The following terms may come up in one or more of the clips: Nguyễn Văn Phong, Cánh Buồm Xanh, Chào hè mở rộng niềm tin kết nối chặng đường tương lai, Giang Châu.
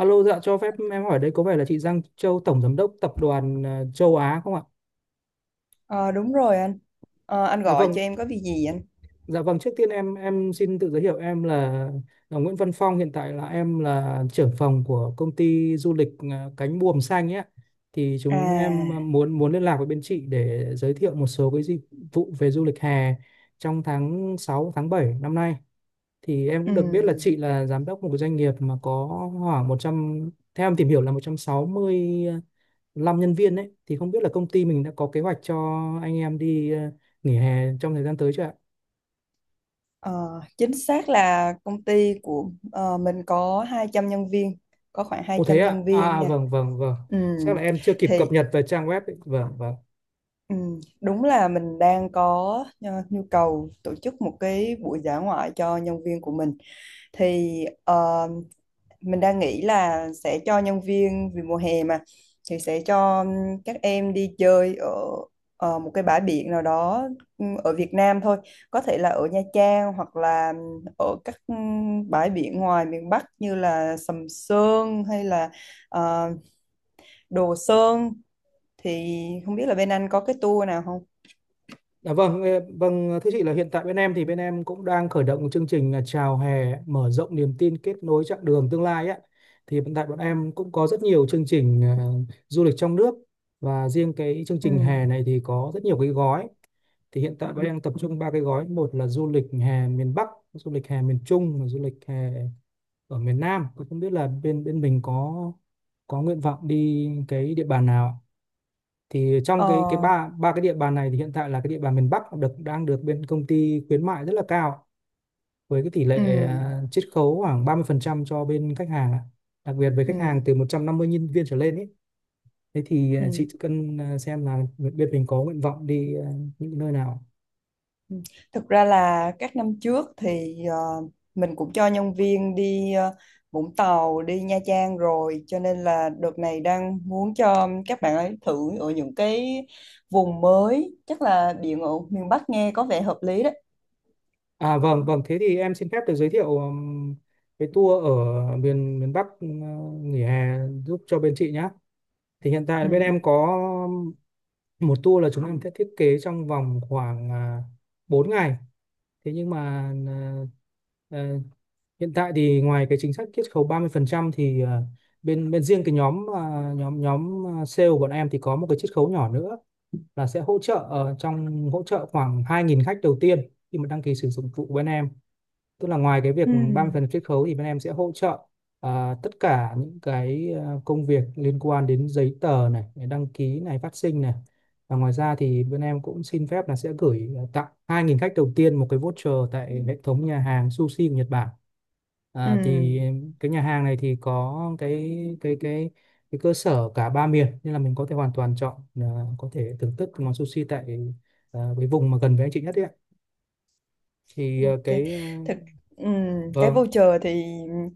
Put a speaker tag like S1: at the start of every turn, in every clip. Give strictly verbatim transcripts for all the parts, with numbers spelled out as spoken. S1: Alo, dạ cho phép em hỏi đây có vẻ là chị Giang Châu, Tổng Giám đốc Tập đoàn ờ, Châu Á không ạ?
S2: Ờ, đúng rồi anh. Ờ, anh
S1: Dạ
S2: gọi
S1: vâng,
S2: cho em có việc gì anh?
S1: dạ vâng. Trước tiên em em xin tự giới thiệu em là, là Nguyễn Văn Phong. Hiện tại là em là trưởng phòng của công ty du lịch ờ, Cánh Buồm Xanh ấy ạ. Thì chúng em ờ,
S2: À,
S1: muốn muốn liên lạc với bên chị để giới thiệu một số cái dịch vụ về du lịch hè trong tháng sáu tháng bảy năm nay. Thì em cũng được biết là
S2: ừm,
S1: chị là giám đốc một cái doanh nghiệp mà có khoảng một trăm, theo em tìm hiểu là một trăm sáu mươi lăm nhân viên đấy, thì không biết là công ty mình đã có kế hoạch cho anh em đi ờ, nghỉ hè trong thời gian tới chưa ạ?
S2: ờ, Chính xác là công ty của ờ, mình có hai trăm nhân viên, có khoảng hai
S1: Ồ thế
S2: trăm
S1: ạ.
S2: nhân
S1: À
S2: viên
S1: à,
S2: nha.
S1: vâng vâng vâng. Chắc là
S2: Ừm,
S1: em chưa kịp cập
S2: thì
S1: nhật về trang web ấy. Vâng vâng.
S2: ừm, đúng là mình đang có ờ, nhu cầu tổ chức một cái buổi dã ngoại cho nhân viên của mình. Thì ờ, mình đang nghĩ là sẽ cho nhân viên vì mùa hè mà thì sẽ cho các em đi chơi ở, ở một cái bãi biển nào đó ừm, ở Việt Nam thôi, có thể là ở Nha Trang hoặc là ở các ừm, bãi biển ngoài miền Bắc như là Sầm Sơn hay là ờ, Đồ Sơn, thì không biết là bên anh có cái tour nào không.
S1: Dạ vâng, ờ, vâng thưa chị là hiện tại bên em, thì bên em cũng đang khởi động chương trình là Chào hè mở rộng niềm tin kết nối chặng đường tương lai á. Thì hiện tại bọn em cũng có rất nhiều chương trình ờ, du lịch trong nước và riêng cái chương trình
S2: Ừ.
S1: hè này thì có rất nhiều cái gói. Thì hiện tại bọn em tập trung ba cái gói, một là du lịch hè miền Bắc, du lịch hè miền Trung và du lịch hè ở miền Nam. Tôi không biết là bên bên mình có có nguyện vọng đi cái địa bàn nào ạ? Thì trong
S2: Ờ,
S1: cái cái ba ba cái địa bàn này thì hiện tại là cái địa bàn miền Bắc được đang được bên công ty khuyến mại rất là cao với cái tỷ
S2: ừ.
S1: lệ à, chiết khấu khoảng ba mươi phần trăm cho bên khách hàng ạ. Đặc biệt với khách
S2: Ừ.
S1: hàng từ một trăm năm mươi nhân viên trở lên ấy, thế thì à,
S2: Ừ.
S1: chị cần à, xem là bên mình có nguyện vọng đi à, những nơi nào.
S2: Ừ. Thực ra là các năm trước thì ờ, mình cũng cho nhân viên đi ờ, Vũng Tàu, đi Nha Trang rồi, cho nên là đợt này đang muốn cho các bạn ấy thử ở những cái vùng mới, chắc là biển ở miền Bắc nghe có vẻ hợp lý đấy.
S1: À vâng vâng, thế thì em xin phép được giới thiệu ừm, cái tour ở miền miền Bắc ừ, nghỉ hè giúp cho bên chị nhá. Thì hiện tại là
S2: Ừ.
S1: bên em có một tour là chúng em sẽ thiết kế trong vòng khoảng à, bốn ngày. Thế nhưng mà à, à, hiện tại thì ngoài cái chính sách chiết khấu ba mươi phần trăm thì à, bên bên riêng cái nhóm à, nhóm nhóm à, sale của bọn em thì có một cái chiết khấu nhỏ nữa là sẽ hỗ trợ ờ, trong hỗ trợ khoảng hai nghìn khách đầu tiên khi mà đăng ký sử dụng dịch vụ bên em. Tức là ngoài cái việc
S2: Ừ.
S1: ba mươi phần trăm chiết khấu thì bên em sẽ hỗ trợ à, tất cả những cái à, công việc liên quan đến giấy tờ này, đăng ký này, phát sinh này. Và ngoài ra thì bên em cũng xin phép là sẽ gửi à, tặng hai nghìn khách đầu tiên một cái voucher tại hệ thống nhà hàng sushi của Nhật Bản.
S2: Ừ.
S1: À, thì cái nhà hàng này thì có cái cái cái cái cơ sở cả ba miền nên là mình có thể hoàn toàn chọn à, có thể thưởng thức món sushi tại à, cái vùng mà gần với anh chị nhất ấy ạ. Thì à,
S2: Ok.
S1: cái ờ,
S2: Thực, ừ. Cái
S1: vâng
S2: voucher thì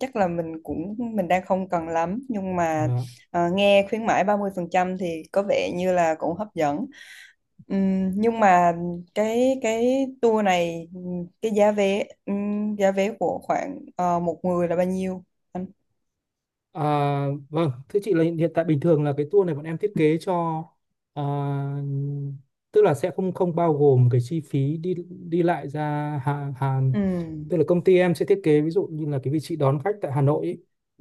S2: chắc là mình cũng mình đang không cần lắm, nhưng mà
S1: vâng.
S2: ờ, nghe khuyến mãi ba mươi phần trăm thì có vẻ như là cũng hấp dẫn. Ừm, nhưng mà cái cái tour này ừm, cái giá vé ừm, giá vé của khoảng ờ, một người là bao nhiêu anh?
S1: À, vâng, thưa chị là hiện hiện tại bình thường là cái tour này bọn em thiết kế cho à, tức là sẽ không không bao gồm cái chi phí đi đi lại ra Hà, Hà,
S2: Ừm,
S1: tức là công ty em sẽ thiết kế ví dụ như là cái vị trí đón khách tại Hà Nội ý,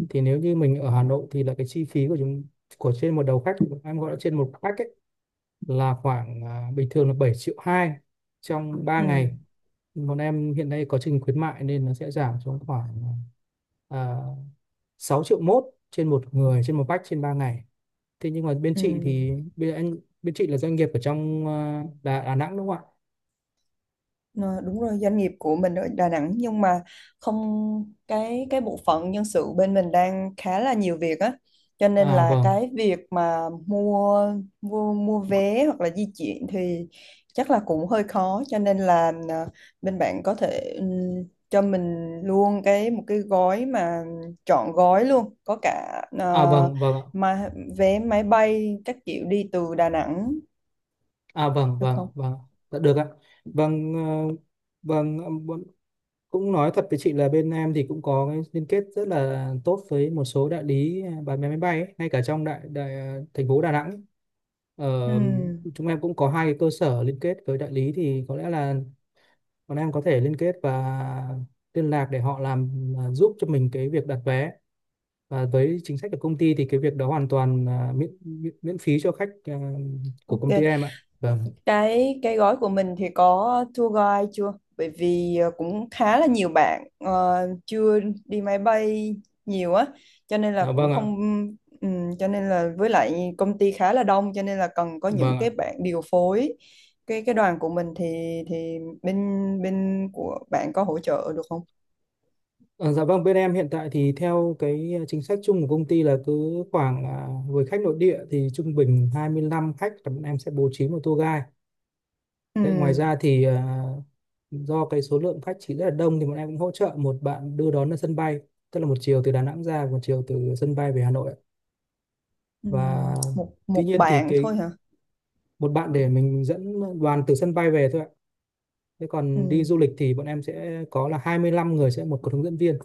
S1: thì nếu như mình ở Hà Nội thì là cái chi phí của chúng, của trên một đầu khách, em gọi là trên một khách ấy, là khoảng à, bình thường là bảy triệu hai trong ba ngày.
S2: ừm,
S1: Bọn em hiện nay có chương trình khuyến mại nên nó sẽ giảm xuống khoảng à, sáu triệu mốt trên một người trên một bách trên ba ngày. Thế nhưng mà bên chị
S2: ừm.
S1: thì bên anh, bên chị là doanh nghiệp ở trong ờ, Đà, Đà Nẵng đúng không ạ?
S2: Ờ, đúng rồi, doanh nghiệp của mình ở Đà Nẵng, nhưng mà không, cái cái bộ phận nhân sự bên mình đang khá là nhiều việc á, cho nên
S1: À
S2: là
S1: vâng.
S2: cái việc mà mua mua mua vé hoặc là di chuyển thì chắc là cũng hơi khó, cho nên là ờ, bên bạn có thể, ừm, cho mình luôn cái, một cái gói mà trọn gói luôn, có cả
S1: À
S2: ờ,
S1: vâng vâng ạ.
S2: mà vé máy bay các kiểu đi từ Đà Nẵng
S1: À vâng
S2: được
S1: vâng ạ,
S2: không?
S1: vâng. Dạ, được ạ. Vâng ờ, vâng ờ, bọn- cũng nói thật với chị là bên em thì cũng có cái liên kết rất là tốt với một số đại lý ờ, bán vé máy bay ấy, ngay cả trong đại, đại ờ, thành phố Đà Nẵng ấy. Ờ,
S2: Ừm,
S1: chúng em cũng có hai cái cơ sở liên kết với đại lý thì có lẽ là bọn em có thể liên kết và liên lạc để họ làm à, giúp cho mình cái việc đặt vé, và với chính sách của công ty thì cái việc đó hoàn toàn à, miễn, miễn miễn phí cho khách à, của công ty
S2: ok.
S1: em ạ. Vâng.
S2: Cái cái gói của mình thì có tour guide chưa? Bởi vì ờ, cũng khá là nhiều bạn ờ, chưa đi máy bay nhiều á, cho nên là
S1: Dạ
S2: cũng
S1: vâng ạ.
S2: không, ừm, cho nên là với lại công ty khá là đông, cho nên là cần có những
S1: Vâng ạ.
S2: cái bạn điều phối. Cái cái đoàn của mình thì thì bên bên của bạn có hỗ trợ được không?
S1: Ờ, dạ vâng, bên em hiện tại thì theo cái à, chính sách chung của công ty là cứ khoảng à, với khách nội địa thì trung bình hai mươi lăm khách là bọn em sẽ bố trí một tour guide. Đấy, ngoài
S2: Ừm,
S1: ra thì à, do cái số lượng khách chỉ rất là đông thì bọn em cũng hỗ trợ một bạn đưa đón ở sân bay, tức là một chiều từ Đà Nẵng ra, một chiều từ sân bay về Hà Nội ạ. Và
S2: ừm, một
S1: tuy
S2: một
S1: nhiên thì
S2: bạn
S1: cái,
S2: thôi hả?
S1: một bạn để mình dẫn đoàn từ sân bay về thôi ạ. Thế còn đi du lịch thì bọn em sẽ có là hai mươi lăm người sẽ một có hướng dẫn viên.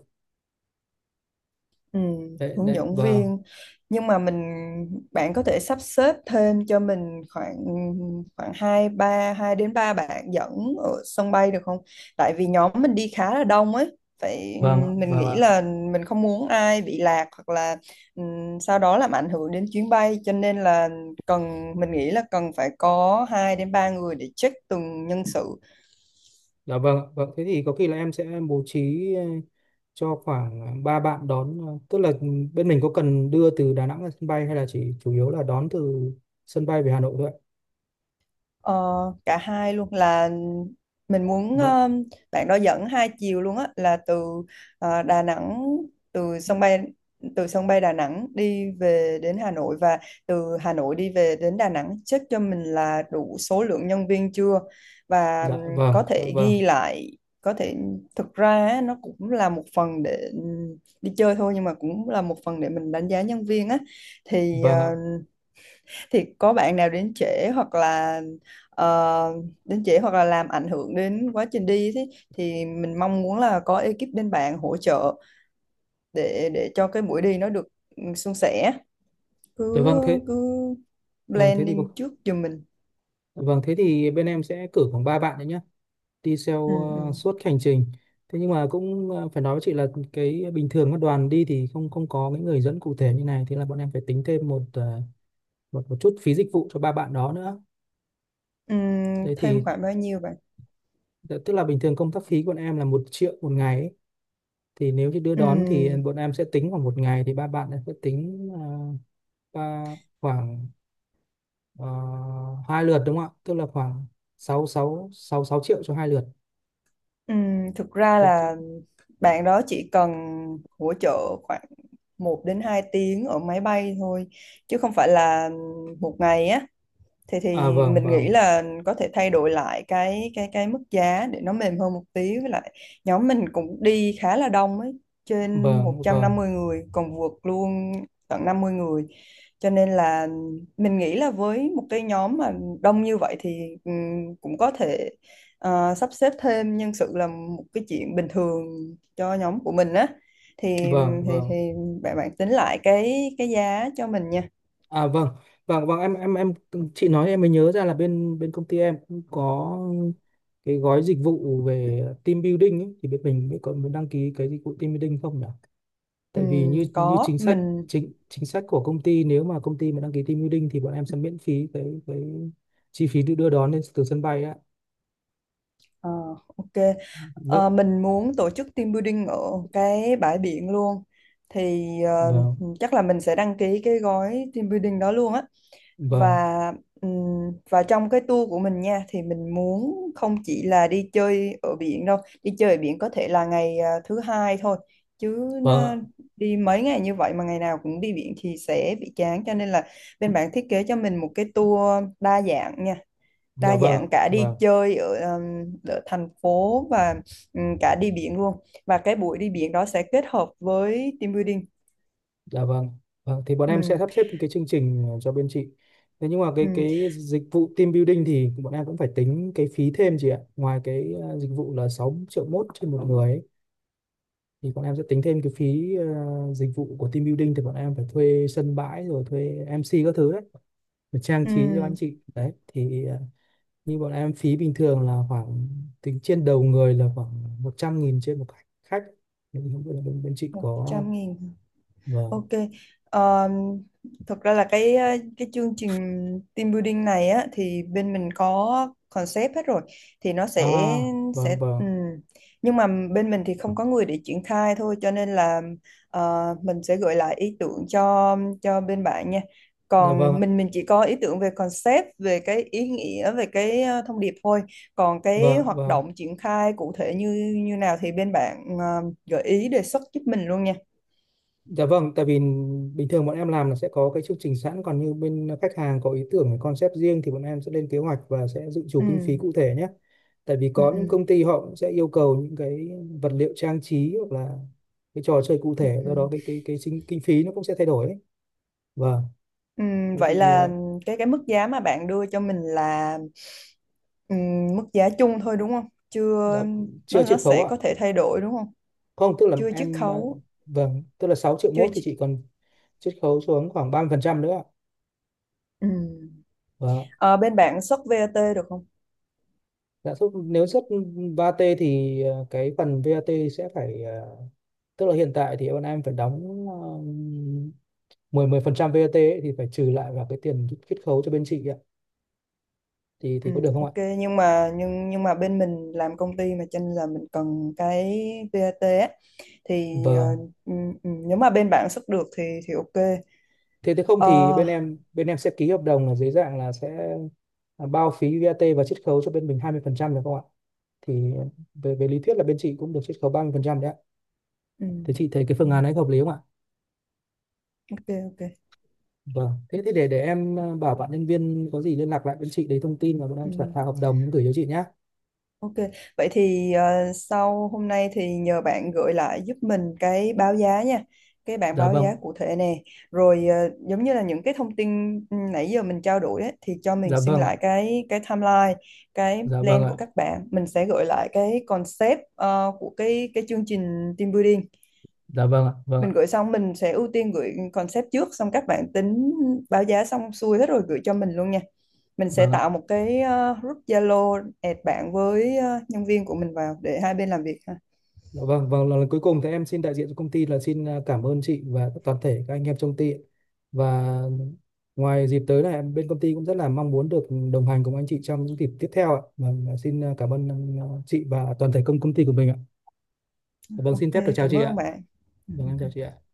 S2: Ừ,
S1: Đấy
S2: hướng
S1: đấy
S2: dẫn
S1: vâng.
S2: viên, nhưng mà mình, bạn có thể sắp xếp thêm cho mình khoảng, khoảng hai ba hai đến ba bạn dẫn ở sân bay được không? Tại vì nhóm mình đi khá là đông ấy, phải,
S1: Vâng ạ,
S2: mình
S1: vâng
S2: nghĩ
S1: ạ.
S2: là mình không muốn ai bị lạc hoặc là ừm, sau đó làm ảnh hưởng đến chuyến bay, cho nên là cần, mình nghĩ là cần phải có hai đến ba người để check từng nhân sự.
S1: Dạ vâng ạ, vâng thế thì có khi là em sẽ bố trí ờ, cho khoảng ba bạn đón ờ, tức là bên mình có cần đưa từ Đà Nẵng ra sân bay hay là chỉ chủ yếu là đón từ sân bay về Hà Nội thôi ạ?
S2: Ờ, cả hai luôn, là mình muốn
S1: Vâng.
S2: ờ, bạn đó dẫn hai chiều luôn á, là từ ờ, Đà Nẵng, từ sân bay, từ sân bay Đà Nẵng đi về đến Hà Nội, và từ Hà Nội đi về đến Đà Nẵng, check cho mình là đủ số lượng nhân viên chưa, và
S1: Dạ
S2: ừm,
S1: vâng,
S2: có
S1: dạ
S2: thể
S1: vâng,
S2: ghi lại, có thể, thực ra á, nó cũng là một phần để ừm, đi chơi thôi, nhưng mà cũng là một phần để mình đánh giá nhân viên á, thì
S1: vâng ạ.
S2: ờ, thì có bạn nào đến trễ hoặc là ờ, đến trễ hoặc là làm ảnh hưởng đến quá trình đi thì thì mình mong muốn là có ekip bên bạn hỗ trợ để để cho cái buổi đi nó được, ừ, suôn sẻ,
S1: Dạ
S2: cứ
S1: vâng thế,
S2: cứ
S1: vâng thế thì có-
S2: planning trước giùm mình.
S1: vâng thế thì bên em sẽ cử khoảng ba bạn đấy nhá, đi
S2: Ừ,
S1: theo ờ,
S2: ừ.
S1: suốt hành trình. Thế nhưng mà cũng ờ, phải nói với chị là cái bình thường các đoàn đi thì không không có cái người dẫn cụ thể như này, thế là bọn em phải tính thêm một ờ, một một chút phí dịch vụ cho ba bạn đó nữa.
S2: Ừ,
S1: Đấy thì
S2: thêm khoảng bao nhiêu bạn?
S1: dạ, tức là bình thường công tác phí của bọn em là một triệu một ngày ấy. Thì nếu như đưa đón thì
S2: ừ,
S1: bọn em sẽ tính khoảng một ngày, thì ba bạn sẽ tính uh, Ờ, hai lượt đúng không ạ? Tức là khoảng sáu sáu sáu sáu triệu cho hai lượt.
S2: ừ, Thực ra
S1: Thế chứ.
S2: là bạn đó chỉ cần hỗ trợ khoảng một đến hai tiếng ở máy bay thôi chứ không phải là một ngày á, thì thì
S1: À vâng
S2: mình
S1: vâng.
S2: nghĩ là có thể thay đổi lại cái cái cái mức giá để nó mềm hơn một tí, với lại nhóm mình cũng đi khá là đông ấy, trên một
S1: Vâng
S2: trăm
S1: vâng.
S2: năm mươi người, còn vượt luôn tận năm mươi người, cho nên là mình nghĩ là với một cái nhóm mà đông như vậy thì ừm, cũng có thể ờ, sắp xếp thêm nhân sự là một cái chuyện bình thường cho nhóm của mình á, thì
S1: Vâng
S2: thì
S1: vâng.
S2: thì bạn bạn tính lại cái cái giá cho mình nha.
S1: À vâng. Vâng vâng, em em em chị nói em mới nhớ ra là bên bên công ty em cũng có cái gói dịch vụ về team building ấy, thì bên mình mới có muốn đăng ký cái dịch vụ team building không nhỉ? Tại vì
S2: Ừm,
S1: như như
S2: có
S1: chính sách,
S2: mình.
S1: chính chính sách của công ty nếu mà công ty mà đăng ký team building thì bọn em sẽ miễn phí cái cái chi phí đưa đưa đón lên từ sân bay á.
S2: Ờ, ok.
S1: Vâng.
S2: Ờ, mình muốn tổ chức team building ở cái bãi biển luôn. Thì ờ,
S1: Vâng.
S2: chắc là mình sẽ đăng ký cái gói team building đó luôn á.
S1: Vâng.
S2: Và ừm, và trong cái tour của mình nha thì mình muốn không chỉ là đi chơi ở biển đâu. Đi chơi ở biển có thể là ngày à, thứ hai thôi. Chứ
S1: Vâng ạ,
S2: à, đi mấy ngày như vậy mà ngày nào cũng đi biển thì sẽ bị chán. Cho nên là bên bạn thiết kế cho mình một cái tour đa dạng nha,
S1: dạ
S2: đa
S1: vâng ạ,
S2: dạng cả đi
S1: vâng,
S2: chơi ở, um, ở thành phố, và um, cả đi biển luôn, và cái buổi đi biển đó sẽ kết hợp với team building.
S1: dạ vâng. Vâng, thì bọn em sẽ
S2: Ừ,
S1: sắp xếp cái chương trình cho bên chị. Thế nhưng mà cái
S2: ừ,
S1: cái dịch vụ team building thì bọn em cũng phải tính cái phí thêm chị ạ. Ngoài cái ờ, dịch vụ là sáu triệu mốt trên một người ấy, thì bọn em sẽ tính thêm cái phí ờ, dịch vụ của team building thì bọn em phải thuê sân bãi rồi thuê em xê các thứ đấy, để trang
S2: ừ,
S1: trí cho anh chị. Đấy, thì ờ, như bọn em phí bình thường là khoảng tính trên đầu người là khoảng một trăm nghìn trên một khách. Thì không biết là bên, bên chị có
S2: một trăm nghìn.
S1: và.
S2: Ok. Ờ, thực ra là cái ờ, cái chương trình team building này á thì bên mình có concept hết rồi, thì nó
S1: À,
S2: sẽ sẽ
S1: vâng vâng,
S2: ừm. Nhưng mà bên mình thì không có người để triển khai thôi, cho nên là ờ, mình sẽ gửi lại ý tưởng cho cho bên bạn nha.
S1: dạ vâng,
S2: Còn mình mình chỉ có ý tưởng về concept, về cái ý nghĩa, về cái ờ, thông điệp thôi. Còn cái
S1: vâng
S2: hoạt
S1: vâng,
S2: động triển khai cụ thể như như nào thì bên bạn ờ, gợi ý đề xuất giúp mình luôn nha.
S1: dạ vâng. Tại vì bình thường bọn em làm là sẽ có cái chương trình sẵn, còn như bên khách hàng có ý tưởng, cái concept riêng thì bọn em sẽ lên kế hoạch và sẽ dự trù kinh
S2: Ừ.
S1: phí cụ thể nhé. Tại vì
S2: Ừ.
S1: có những
S2: Ừ.
S1: công ty họ cũng sẽ yêu cầu những cái vật liệu trang trí hoặc là cái trò chơi cụ
S2: Ừ,
S1: thể, do
S2: ừ.
S1: đó cái cái cái chính, kinh phí nó cũng sẽ thay đổi ấy. Vâng,
S2: Ừ,
S1: thế
S2: vậy
S1: thì
S2: là
S1: ờ,
S2: cái cái mức giá mà bạn đưa cho mình là, ừ, mức giá chung thôi đúng không?
S1: dạ,
S2: Chưa, nó
S1: chưa
S2: nó
S1: chiết khấu
S2: sẽ
S1: ạ?
S2: có thể thay đổi đúng không?
S1: Không, tức là
S2: Chưa chiết
S1: em ờ,
S2: khấu,
S1: vâng, tức là sáu triệu
S2: chưa
S1: mốt thì
S2: chi-,
S1: chị còn chiết khấu xuống khoảng ba mươi phần trăm nữa ạ.
S2: ừ.
S1: Vâng ạ.
S2: Ờ, bên bạn xuất vê a tê được không?
S1: Lãi suất nếu xuất vát thì ờ, cái phần vát sẽ phải ờ, tức là hiện tại thì bọn em phải đóng ờ, 10 mười phần trăm vát ấy, thì phải trừ lại vào cái tiền chiết khấu cho bên chị ạ. Thì thì
S2: Ừ,
S1: có được không ạ?
S2: ok, nhưng mà nhưng nhưng mà bên mình làm công ty mà cho nên là mình cần cái vê a tê á, thì ờ,
S1: Vâng.
S2: ừ, ừ, nếu mà bên bạn xuất được thì thì ok.
S1: Thế thế không thì
S2: Ờ,
S1: bên em bên em sẽ ký hợp đồng là dưới dạng là sẽ ờ, bao phí vát và chiết khấu cho bên mình hai mươi phần trăm được không ạ? Thì ờ, về về lý thuyết là bên chị cũng được chiết khấu ba mươi phần trăm đấy ạ.
S2: ừ,
S1: Thế chị thấy cái
S2: ừ,
S1: phương án ấy hợp lý không ạ?
S2: ok ok.
S1: Vâng, thế thì để để em ờ, bảo bạn nhân viên có gì liên lạc lại với chị lấy thông tin và bọn em
S2: Ừ.
S1: soạn thảo hợp đồng gửi cho chị nhé.
S2: Ok, vậy thì ờ, sau hôm nay thì nhờ bạn gửi lại giúp mình cái báo giá nha, cái bảng
S1: Dạ
S2: báo
S1: vâng,
S2: giá cụ thể nè, rồi ờ, giống như là những cái thông tin, ừ, nãy giờ mình trao đổi ấy, thì cho mình
S1: dạ
S2: xin
S1: vâng ạ,
S2: lại cái cái timeline, cái
S1: dạ vâng
S2: plan của
S1: ạ,
S2: các bạn, mình sẽ gửi lại cái concept ờ, của cái cái chương trình team building,
S1: dạ vâng ạ, vâng ạ,
S2: mình gửi xong mình sẽ ưu tiên gửi concept trước, xong các bạn tính báo giá xong xuôi hết rồi gửi cho mình luôn nha, mình sẽ
S1: vâng ạ.
S2: tạo một cái ờ, group Zalo add bạn với ờ, nhân viên của mình vào để hai bên làm việc ha.
S1: Dạ vâng, vâng, lần cuối cùng thì em xin đại diện cho công ty là xin ờ, cảm ơn chị và toàn thể các anh em trong công ty. Và ngoài dịp tới này em bên công ty cũng rất là mong muốn được đồng hành cùng anh chị trong những dịp tiếp theo ạ. Vâng, xin ờ, cảm ơn ờ, chị và toàn thể công công ty của mình ạ. Dạ vâng,
S2: Ok,
S1: xin phép được chào
S2: cảm
S1: chị ạ.
S2: ơn bạn. Ừ,
S1: Dạ vâng, em chào chị
S2: ok.
S1: ạ.